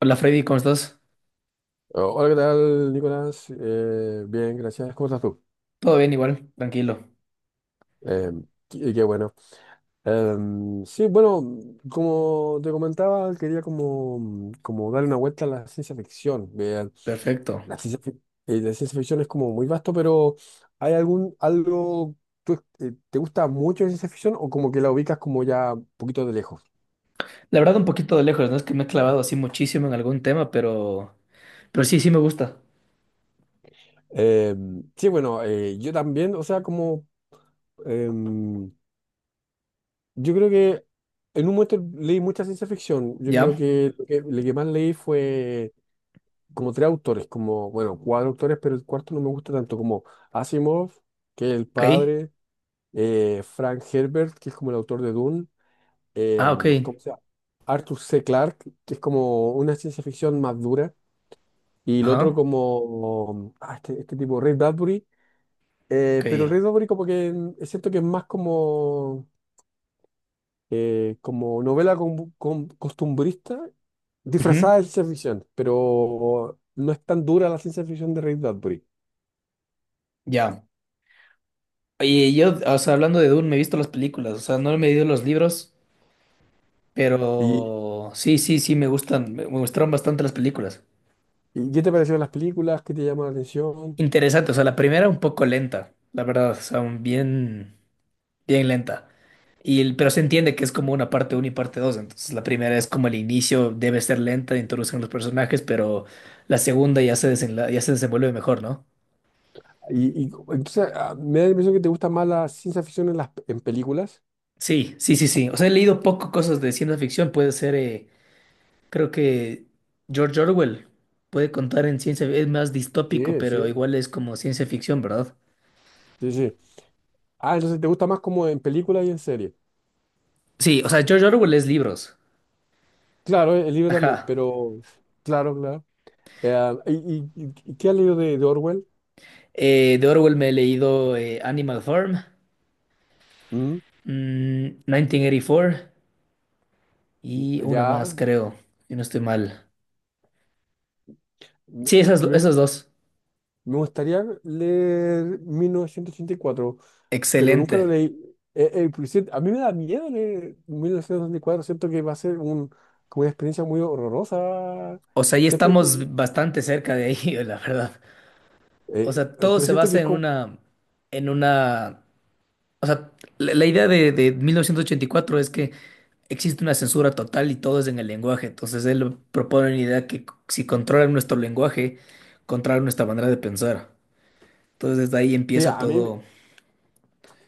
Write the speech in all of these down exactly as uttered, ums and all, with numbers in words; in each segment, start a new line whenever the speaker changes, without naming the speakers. Hola Freddy, ¿cómo estás?
Oh, Hola, ¿qué tal, Nicolás? Eh, bien, gracias. ¿Cómo estás tú?
Todo bien igual, tranquilo.
Eh, qué, qué bueno. Em, sí, bueno, como te comentaba, quería como, como darle una vuelta a la ciencia ficción. Vean,
Perfecto.
la ciencia, fic- eh, la ciencia ficción es como muy vasto, pero ¿hay algún algo tú, eh, te gusta mucho la ciencia ficción o como que la ubicas como ya un poquito de lejos?
La verdad un poquito de lejos, no es que me he clavado así muchísimo en algún tema, pero pero sí, sí me gusta.
Em, sí, bueno, eh, yo también, o sea, como... em, Yo creo que en un momento leí mucha ciencia ficción. Yo creo
Ya,
que lo que, lo que más leí fue como tres autores, como, bueno, cuatro autores, pero el cuarto no me gusta tanto, como Asimov, que es el
ok.
padre, eh, Frank Herbert, que es como el autor de Dune, eh,
Ah, ok.
¿cómo se llama? Arthur C. Clarke, que es como una ciencia ficción más dura, y el otro
Ajá,
como, ah, este, este tipo, Ray Bradbury, eh,
ok.
pero Ray Bradbury como que mm, siento que es más como eh, como novela con- con- costumbrista
Ujú,
disfrazada de ciencia ficción, pero no es tan dura la ciencia ficción de Ray Bradbury.
ya. Oye, yo, o sea, hablando de Dune, me he visto las películas, o sea, no me he leído los libros,
¿Y,
pero sí, sí, sí me gustan, me me gustaron bastante las películas.
y qué te parecieron las películas? ¿Qué te llamó la atención?
Interesante, o sea, la primera un poco lenta, la verdad, o sea, un bien bien lenta. Y el- pero se entiende que es como una parte uno y parte dos. Entonces la primera es como el inicio, debe ser lenta, introducen los personajes, pero la segunda ya se desenla- ya se desenvuelve mejor, ¿no?
Y, y entonces ah, me da la impresión que te gusta más la ciencia ficción en las en películas.
Sí, sí, sí, sí. O sea, he leído poco cosas de ciencia ficción. Puede ser, eh, creo que George Orwell puede contar en ciencia, es más distópico,
Sí, sí,
pero igual es como ciencia ficción, ¿verdad?
sí, sí. Ah, entonces te gusta más como en películas y en series.
Sí, o sea, George Orwell es libros.
Claro, el libro también,
Ajá.
pero claro, claro. Eh, ah, ¿y, y- y- qué has leído de, de Orwell?
Eh, de Orwell me he leído eh, Animal Farm,
Mm,
mm, mil novecientos ochenta y cuatro. Y una
ya,
más, creo, si no estoy mal.
me,
Sí, esas,
me-
esas dos.
me gustaría leer mil novecientos ochenta y cuatro, pero nunca lo
Excelente.
leí. Eh, eh, por a mí me da miedo leer mil novecientos ochenta y cuatro, siento que va a ser un, como una experiencia muy horrorosa.
O sea, ahí
Siempre escu- sí.
estamos bastante cerca de ahí, la verdad. O
Eh,
sea,
eh,
todo
pero
se
siento que
basa
es
en
como,
una, en una, o sea, la, la idea de, de mil novecientos ochenta y cuatro es que existe una censura total y todo es en el lenguaje. Entonces él propone una idea que c- si controlan nuestro lenguaje, controlan nuestra manera de pensar. Entonces desde ahí
sí,
empieza
a mí,
todo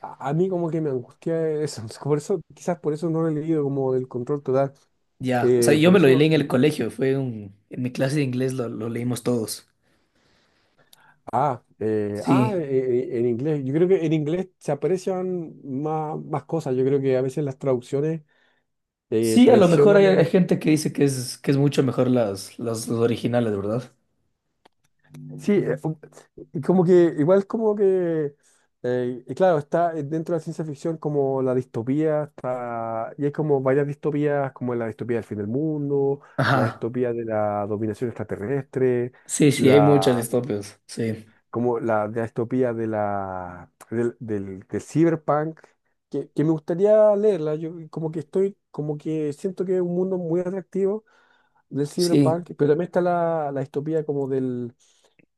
a, a mí como que me angustia eso. Por eso, quizás por eso no lo he leído como del control total.
ya. O sea,
Eh,
yo
por
me lo
eso,
leí en
mm,
el colegio, fue un, en mi clase de inglés lo, lo leímos todos.
ah, eh, ah,
Sí,
eh, eh, en inglés. Yo creo que en inglés se aprecian más, más cosas. Yo creo que a veces las traducciones eh,
sí, a lo mejor hay,
traicionan
hay
el
gente que dice que es, que es mucho mejor las, las, las originales, ¿verdad?
sí, eh, um, y como que igual como que, eh, y claro, está eh, dentro de la ciencia ficción como la distopía, está, y hay como varias distopías, como la distopía del fin del mundo, la
Ajá,
distopía de la dominación extraterrestre,
sí, sí, hay muchas
la,
distopias, sí,
como la, la distopía de la, del, del, del cyberpunk, que, que me gustaría leerla, yo como que estoy, como que siento que es un mundo muy atractivo del
sí,
cyberpunk, pero también está la, la distopía como del,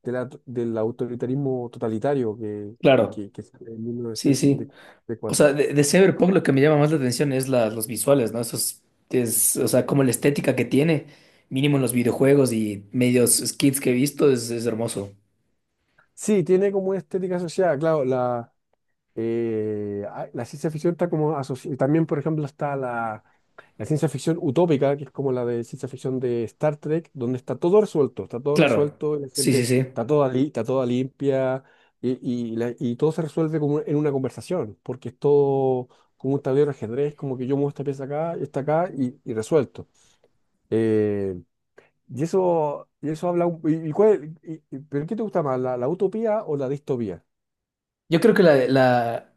de la- del autoritarismo totalitario que, y
claro,
que, que sale en
sí, sí. O
mil novecientos ochenta y cuatro.
sea, de, de Cyberpunk lo que me llama más la atención es la- los visuales, ¿no? Esos, es, o sea, como la estética que tiene, mínimo en los videojuegos y medios skits que he visto, es, es hermoso.
Sí, tiene como una estética asociada, claro, la, Eh, ah, la ciencia ficción está como asociada, también por ejemplo está la, la ciencia ficción utópica, que es como la de ciencia ficción de Star Trek, donde está todo resuelto, está todo
Claro,
resuelto, y la
sí, sí,
gente
sí.
está toda, li- está toda limpia y, y, la- y todo se resuelve como en una conversación, porque es todo como un tablero de ajedrez, como que yo muevo esta pieza acá, esta acá y, y resuelto. Eh, y eso, y eso habla, un- y, y cuál- y- y- ¿pero qué te gusta más, la, la utopía o la distopía?
Yo creo que la, la,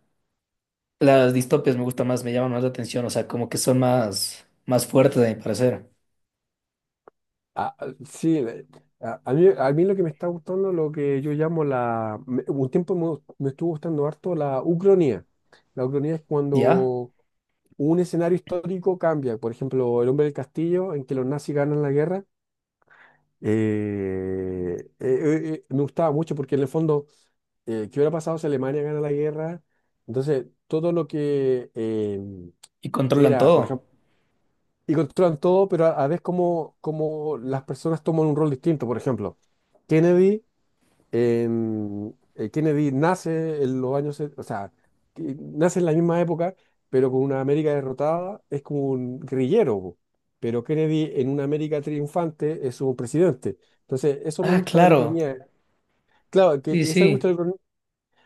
las distopias me gustan más, me llaman más la atención, o sea, como que son más, más fuertes, a mi parecer.
Ah, ah, sí, eh, a, a mí, a mí lo que me está gustando, lo que yo llamo la... me- un tiempo me, me estuvo gustando harto la ucronía. La ucronía es
Ya,
cuando un escenario histórico cambia. Por ejemplo, El Hombre del Castillo, en que los nazis ganan la guerra. Eh, eh, eh, eh, me gustaba mucho porque en el fondo, eh, ¿qué hubiera pasado si Alemania gana la guerra? Entonces, todo lo que eh,
y controlan
era, por
todo.
ejemplo, y controlan todo, pero a, a vez como, como las personas toman un rol distinto. Por ejemplo, Kennedy, en- eh, Kennedy nace en los años, se- o sea, que nace en la misma época, pero con una América derrotada, es como un guerrillero. Po. Pero Kennedy en una América triunfante es un presidente. Entonces, eso me
Ah,
gusta de la
claro.
ucraniana. Claro,
Sí,
que eso me gusta
sí.
de la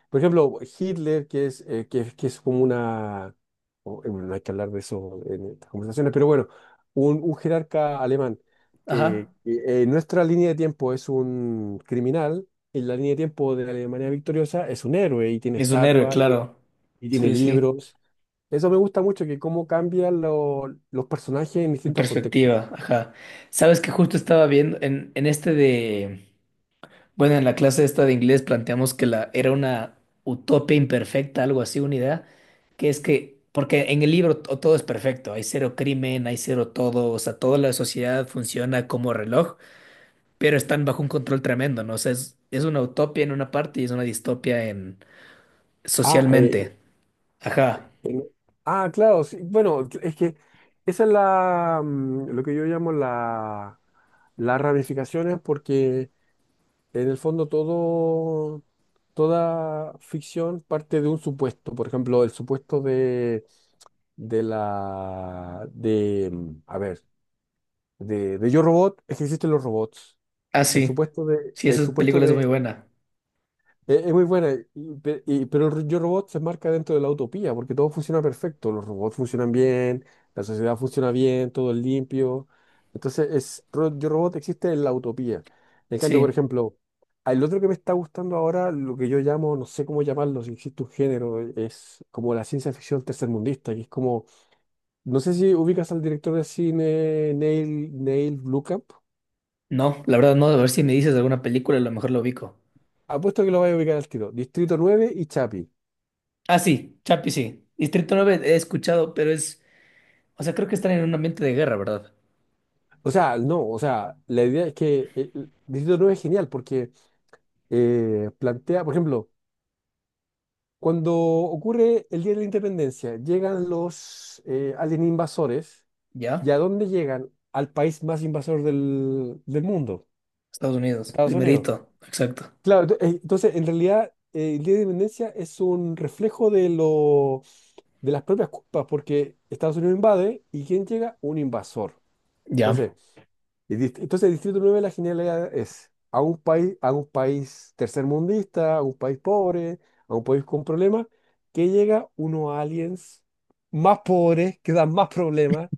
por ejemplo, Hitler, que es, eh, que, que es como una... o, eh, bueno, no hay que hablar de eso en estas conversaciones, pero bueno, un, un jerarca alemán
Ajá.
que eh, en nuestra línea de tiempo es un criminal, en la línea de tiempo de la Alemania victoriosa es un héroe y tiene
Es un héroe,
estatua y,
claro.
y tiene
Sí, sí.
libros. Eso me gusta mucho, que cómo cambian lo- los personajes en
En
distintos contextos.
perspectiva, ajá. Sabes que justo estaba viendo en, en este de. Bueno, en la clase esta de inglés planteamos que la, era una utopía imperfecta, algo así, una idea, que es que, porque en el libro to- todo es perfecto, hay cero crimen, hay cero todo, o sea, toda la sociedad funciona como reloj, pero están bajo un control tremendo, ¿no? O sea, es, es una utopía en una parte y es una distopia
Ah, eh,
socialmente. Ajá.
Bueno, ah, claro, sí, bueno, es que esa es la, mm, lo que yo llamo la, las ramificaciones, porque en el fondo todo, toda ficción parte de un supuesto. Por ejemplo, el supuesto de, de la, de, mm, a ver, de, de Yo Robot es que existen los robots.
Ah,
El
sí.
supuesto de,
Sí,
el
esa
supuesto
película es muy
de
buena.
es, es muy buena, y- pe- y- pero el Yo Robot se marca dentro de la utopía, porque todo funciona perfecto, los robots funcionan bien, la sociedad funciona bien, todo es limpio. Entonces, es, Ro- Yo Robot existe en la utopía. En cambio, por
Sí.
ejemplo, el otro que me está gustando ahora, lo que yo llamo, no sé cómo llamarlo, si existe un género, es como la ciencia ficción tercermundista, que es como, no sé si ubicas al director de cine Neil, Neil Blomkamp,
No, la verdad no. A ver si me dices alguna película, a lo mejor lo ubico.
apuesto que lo vas a ubicar al tiro, Distrito nueve y Chapi.
Ah, sí. Chapi, sí. Distrito nueve he escuchado, pero es... O sea, creo que están en un ambiente de guerra, ¿verdad?
O sea, no, o sea, la idea es que eh, el Distrito nueve es genial porque eh, plantea, por ejemplo, cuando ocurre el Día de la Independencia, llegan los eh, alien invasores,
¿Ya?
¿y a dónde llegan? Al país más invasor del, del mundo,
Estados Unidos.
Estados Unidos.
Primerito. Exacto.
Claro, ento- eh, entonces, en realidad, eh, el Día de la Independencia es un reflejo de, lo, de las propias culpas, porque Estados Unidos invade y ¿quién llega? Un invasor.
Ya.
Entonces, Y dist- entonces, el Distrito nueve, la genialidad es a un país, a un país tercermundista, a un país pobre, a un país con problemas, que llega unos aliens más pobres, que dan más problemas,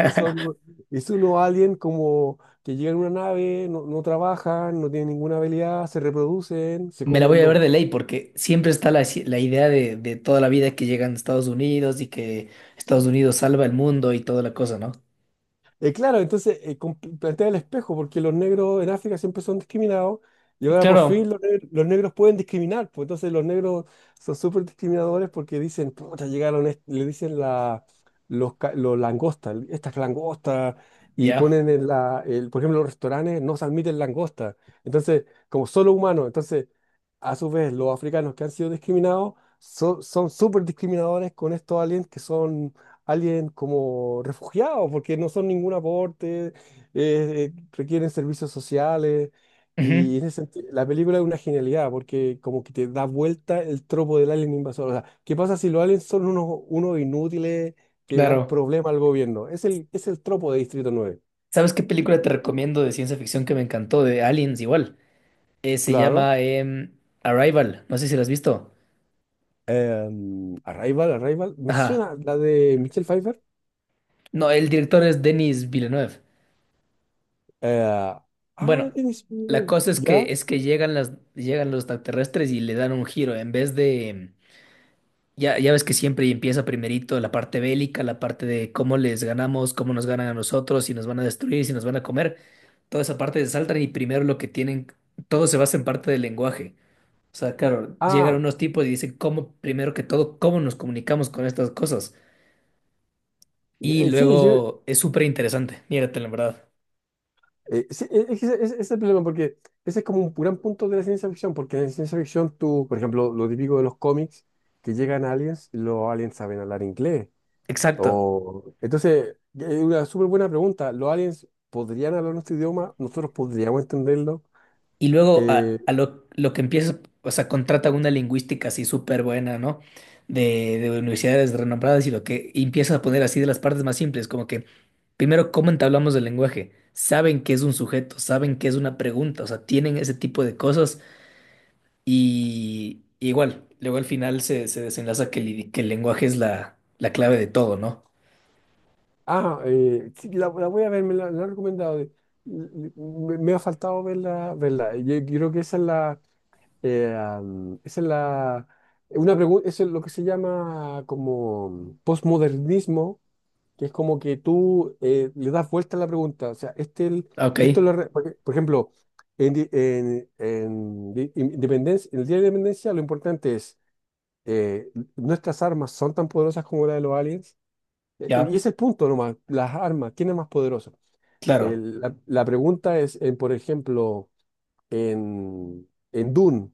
y son, y son unos aliens como que llegan en una nave, no, no trabajan, no tienen ninguna habilidad, se reproducen, se
Me la voy
comen
a
los,
ver de ley porque siempre está la, la idea de, de toda la vida que llegan a Estados Unidos y que Estados Unidos salva el mundo y toda la cosa, ¿no?
Eh, claro, entonces eh, com- plantea el espejo, porque los negros en África siempre son discriminados y ahora por fin
Claro,
los, neg- los negros pueden discriminar. Pues entonces los negros son súper discriminadores porque dicen, puta, llegaron, est- le dicen la, los, ca- los langostas, estas langostas, y
ya.
ponen en la, el- por ejemplo, los restaurantes no se admiten langostas. Entonces, como solo humanos, entonces, a su vez, los africanos que han sido discriminados so- son súper discriminadores con estos aliens que son alguien como refugiado, porque no son ningún aporte, eh, eh, requieren servicios sociales.
Ujú,
Y en ese sentido, la película es una genialidad, porque como que te da vuelta el tropo del alien invasor. O sea, ¿qué pasa si los aliens son unos, unos inútiles que dan
claro.
problema al gobierno? Es el, es el tropo de Distrito nueve.
¿Sabes qué película te
Y
recomiendo de ciencia ficción que me encantó? De Aliens igual. Eh, se
claro,
llama em, Arrival. No sé si la has visto.
em, Arrival, Arrival, me
Ajá.
suena la de Michelle Pfeiffer.
No, el director es Denis Villeneuve.
Eh, ah,
Bueno,
es-
la cosa es
ya.
que es que llegan las llegan los extraterrestres y le dan un giro. En vez de em, ya, ya ves que siempre empieza primerito la parte bélica, la parte de cómo les ganamos, cómo nos ganan a nosotros, si nos van a destruir, si nos van a comer. Toda esa parte se saltan y primero lo que tienen, todo se basa en parte del lenguaje. O sea, claro, llegan
Ah,
unos tipos y dicen cómo, primero que todo, cómo nos comunicamos con estas cosas. Y
eh, sí, yo.
luego es súper interesante, mírate la verdad.
Eh, sí, e- es, que ese ese es el problema, porque ese es como un gran punto de la ciencia ficción, porque en la ciencia ficción tú, por ejemplo, lo típico de los cómics, que llegan aliens, los aliens saben hablar inglés.
Exacto.
O... Entonces, es una súper buena pregunta. ¿Los aliens podrían hablar nuestro idioma? ¿Nosotros podríamos entenderlo?
Y luego
Eh,
a, a lo, lo que empieza, o sea, contrata una lingüística así súper buena, ¿no? De, de universidades renombradas y lo que y empieza a poner así de las partes más simples, como que primero, ¿cómo entablamos el lenguaje? Saben qué es un sujeto, saben qué es una pregunta, o sea, tienen ese tipo de cosas. Y y igual, luego al final se, se desenlaza que, el idi- que el lenguaje es la, la clave de todo, ¿no?
ah, eh, sí, la, la voy a ver, me la, la han recomendado. de- Me, me ha faltado verla, verla. Yo creo que esa es la... Eh, am, esa es la, una pregunta, eso es lo que se llama como postmodernismo, que es como que tú eh, le das vuelta a la pregunta. O sea, este, el-
Ah, ok,
esto lo, re- porque, por ejemplo, en, di- en, en di- in- independencia, en el Día de la Independencia lo importante es, eh, nuestras armas son tan poderosas como la de los aliens. Eh, eh, y ese
ya,
es el punto nomás, las armas, ¿quién es más poderoso?
claro.
El- la, la pregunta es, en, por ejemplo, en, en Dune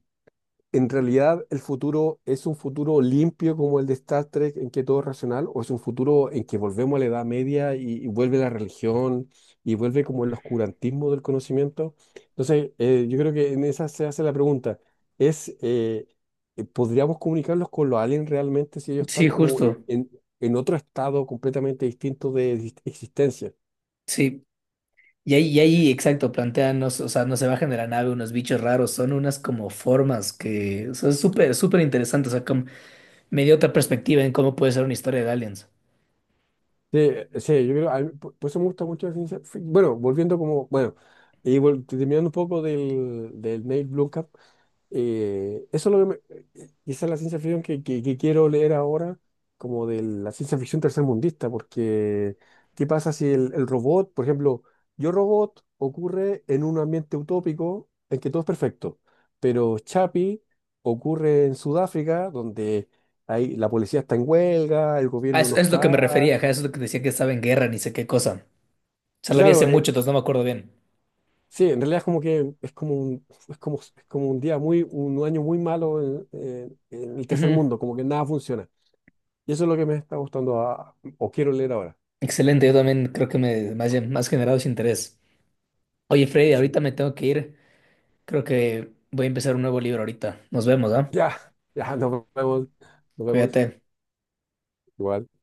en realidad el futuro es un futuro limpio como el de Star Trek, en que todo es racional, o es un futuro en que volvemos a la Edad Media y, y vuelve la religión y vuelve como el oscurantismo del conocimiento. Entonces, eh, yo creo que en esa se hace la pregunta, es, eh, eh, ¿podríamos comunicarnos con los aliens realmente si ellos están
Sí,
como en,
justo,
en- en otro estado completamente distinto de exist- existencia?
sí. Y ahí, y ahí, exacto, plantean, no s- o sea, no se bajan de la nave unos bichos raros, son unas como formas que, o sea, es súper, súper interesante, o sea, como, me dio otra perspectiva en cómo puede ser una historia de aliens.
Sí, sí, yo creo, a mí, por por eso me gusta mucho la ciencia fic- bueno, volviendo como, bueno, y vol- terminando un poco del, del Neil Blomkamp, eh, eso es lo que me- eh, esa es la ciencia ficción que, que- que quiero leer ahora, como de la ciencia ficción tercermundista, porque ¿qué pasa si el, el robot, por ejemplo, Yo Robot ocurre en un ambiente utópico en que todo es perfecto, pero Chapi ocurre en Sudáfrica, donde ahí la policía está en huelga, el
Ah,
gobierno
eso
no
es lo que me
está,
refería, ajá, eso es lo que decía que estaba en guerra, ni sé qué cosa. O sea, la vi hace
claro, eh,
mucho, entonces no me acuerdo bien.
sí, en realidad es como que es como un, es como, es como un día muy, un año muy malo en, en- en el tercer
Ujú.
mundo, como que nada funciona. Y eso es lo que me está gustando a- o quiero leer ahora.
Excelente, yo también creo que me, me ha, me has generado ese interés. Oye, Freddy,
Sí.
ahorita me tengo que ir. Creo que voy a empezar un nuevo libro ahorita. Nos vemos, ¿ah?
Ya, ya, nos vemos, nos vemos,
Cuídate.
igual.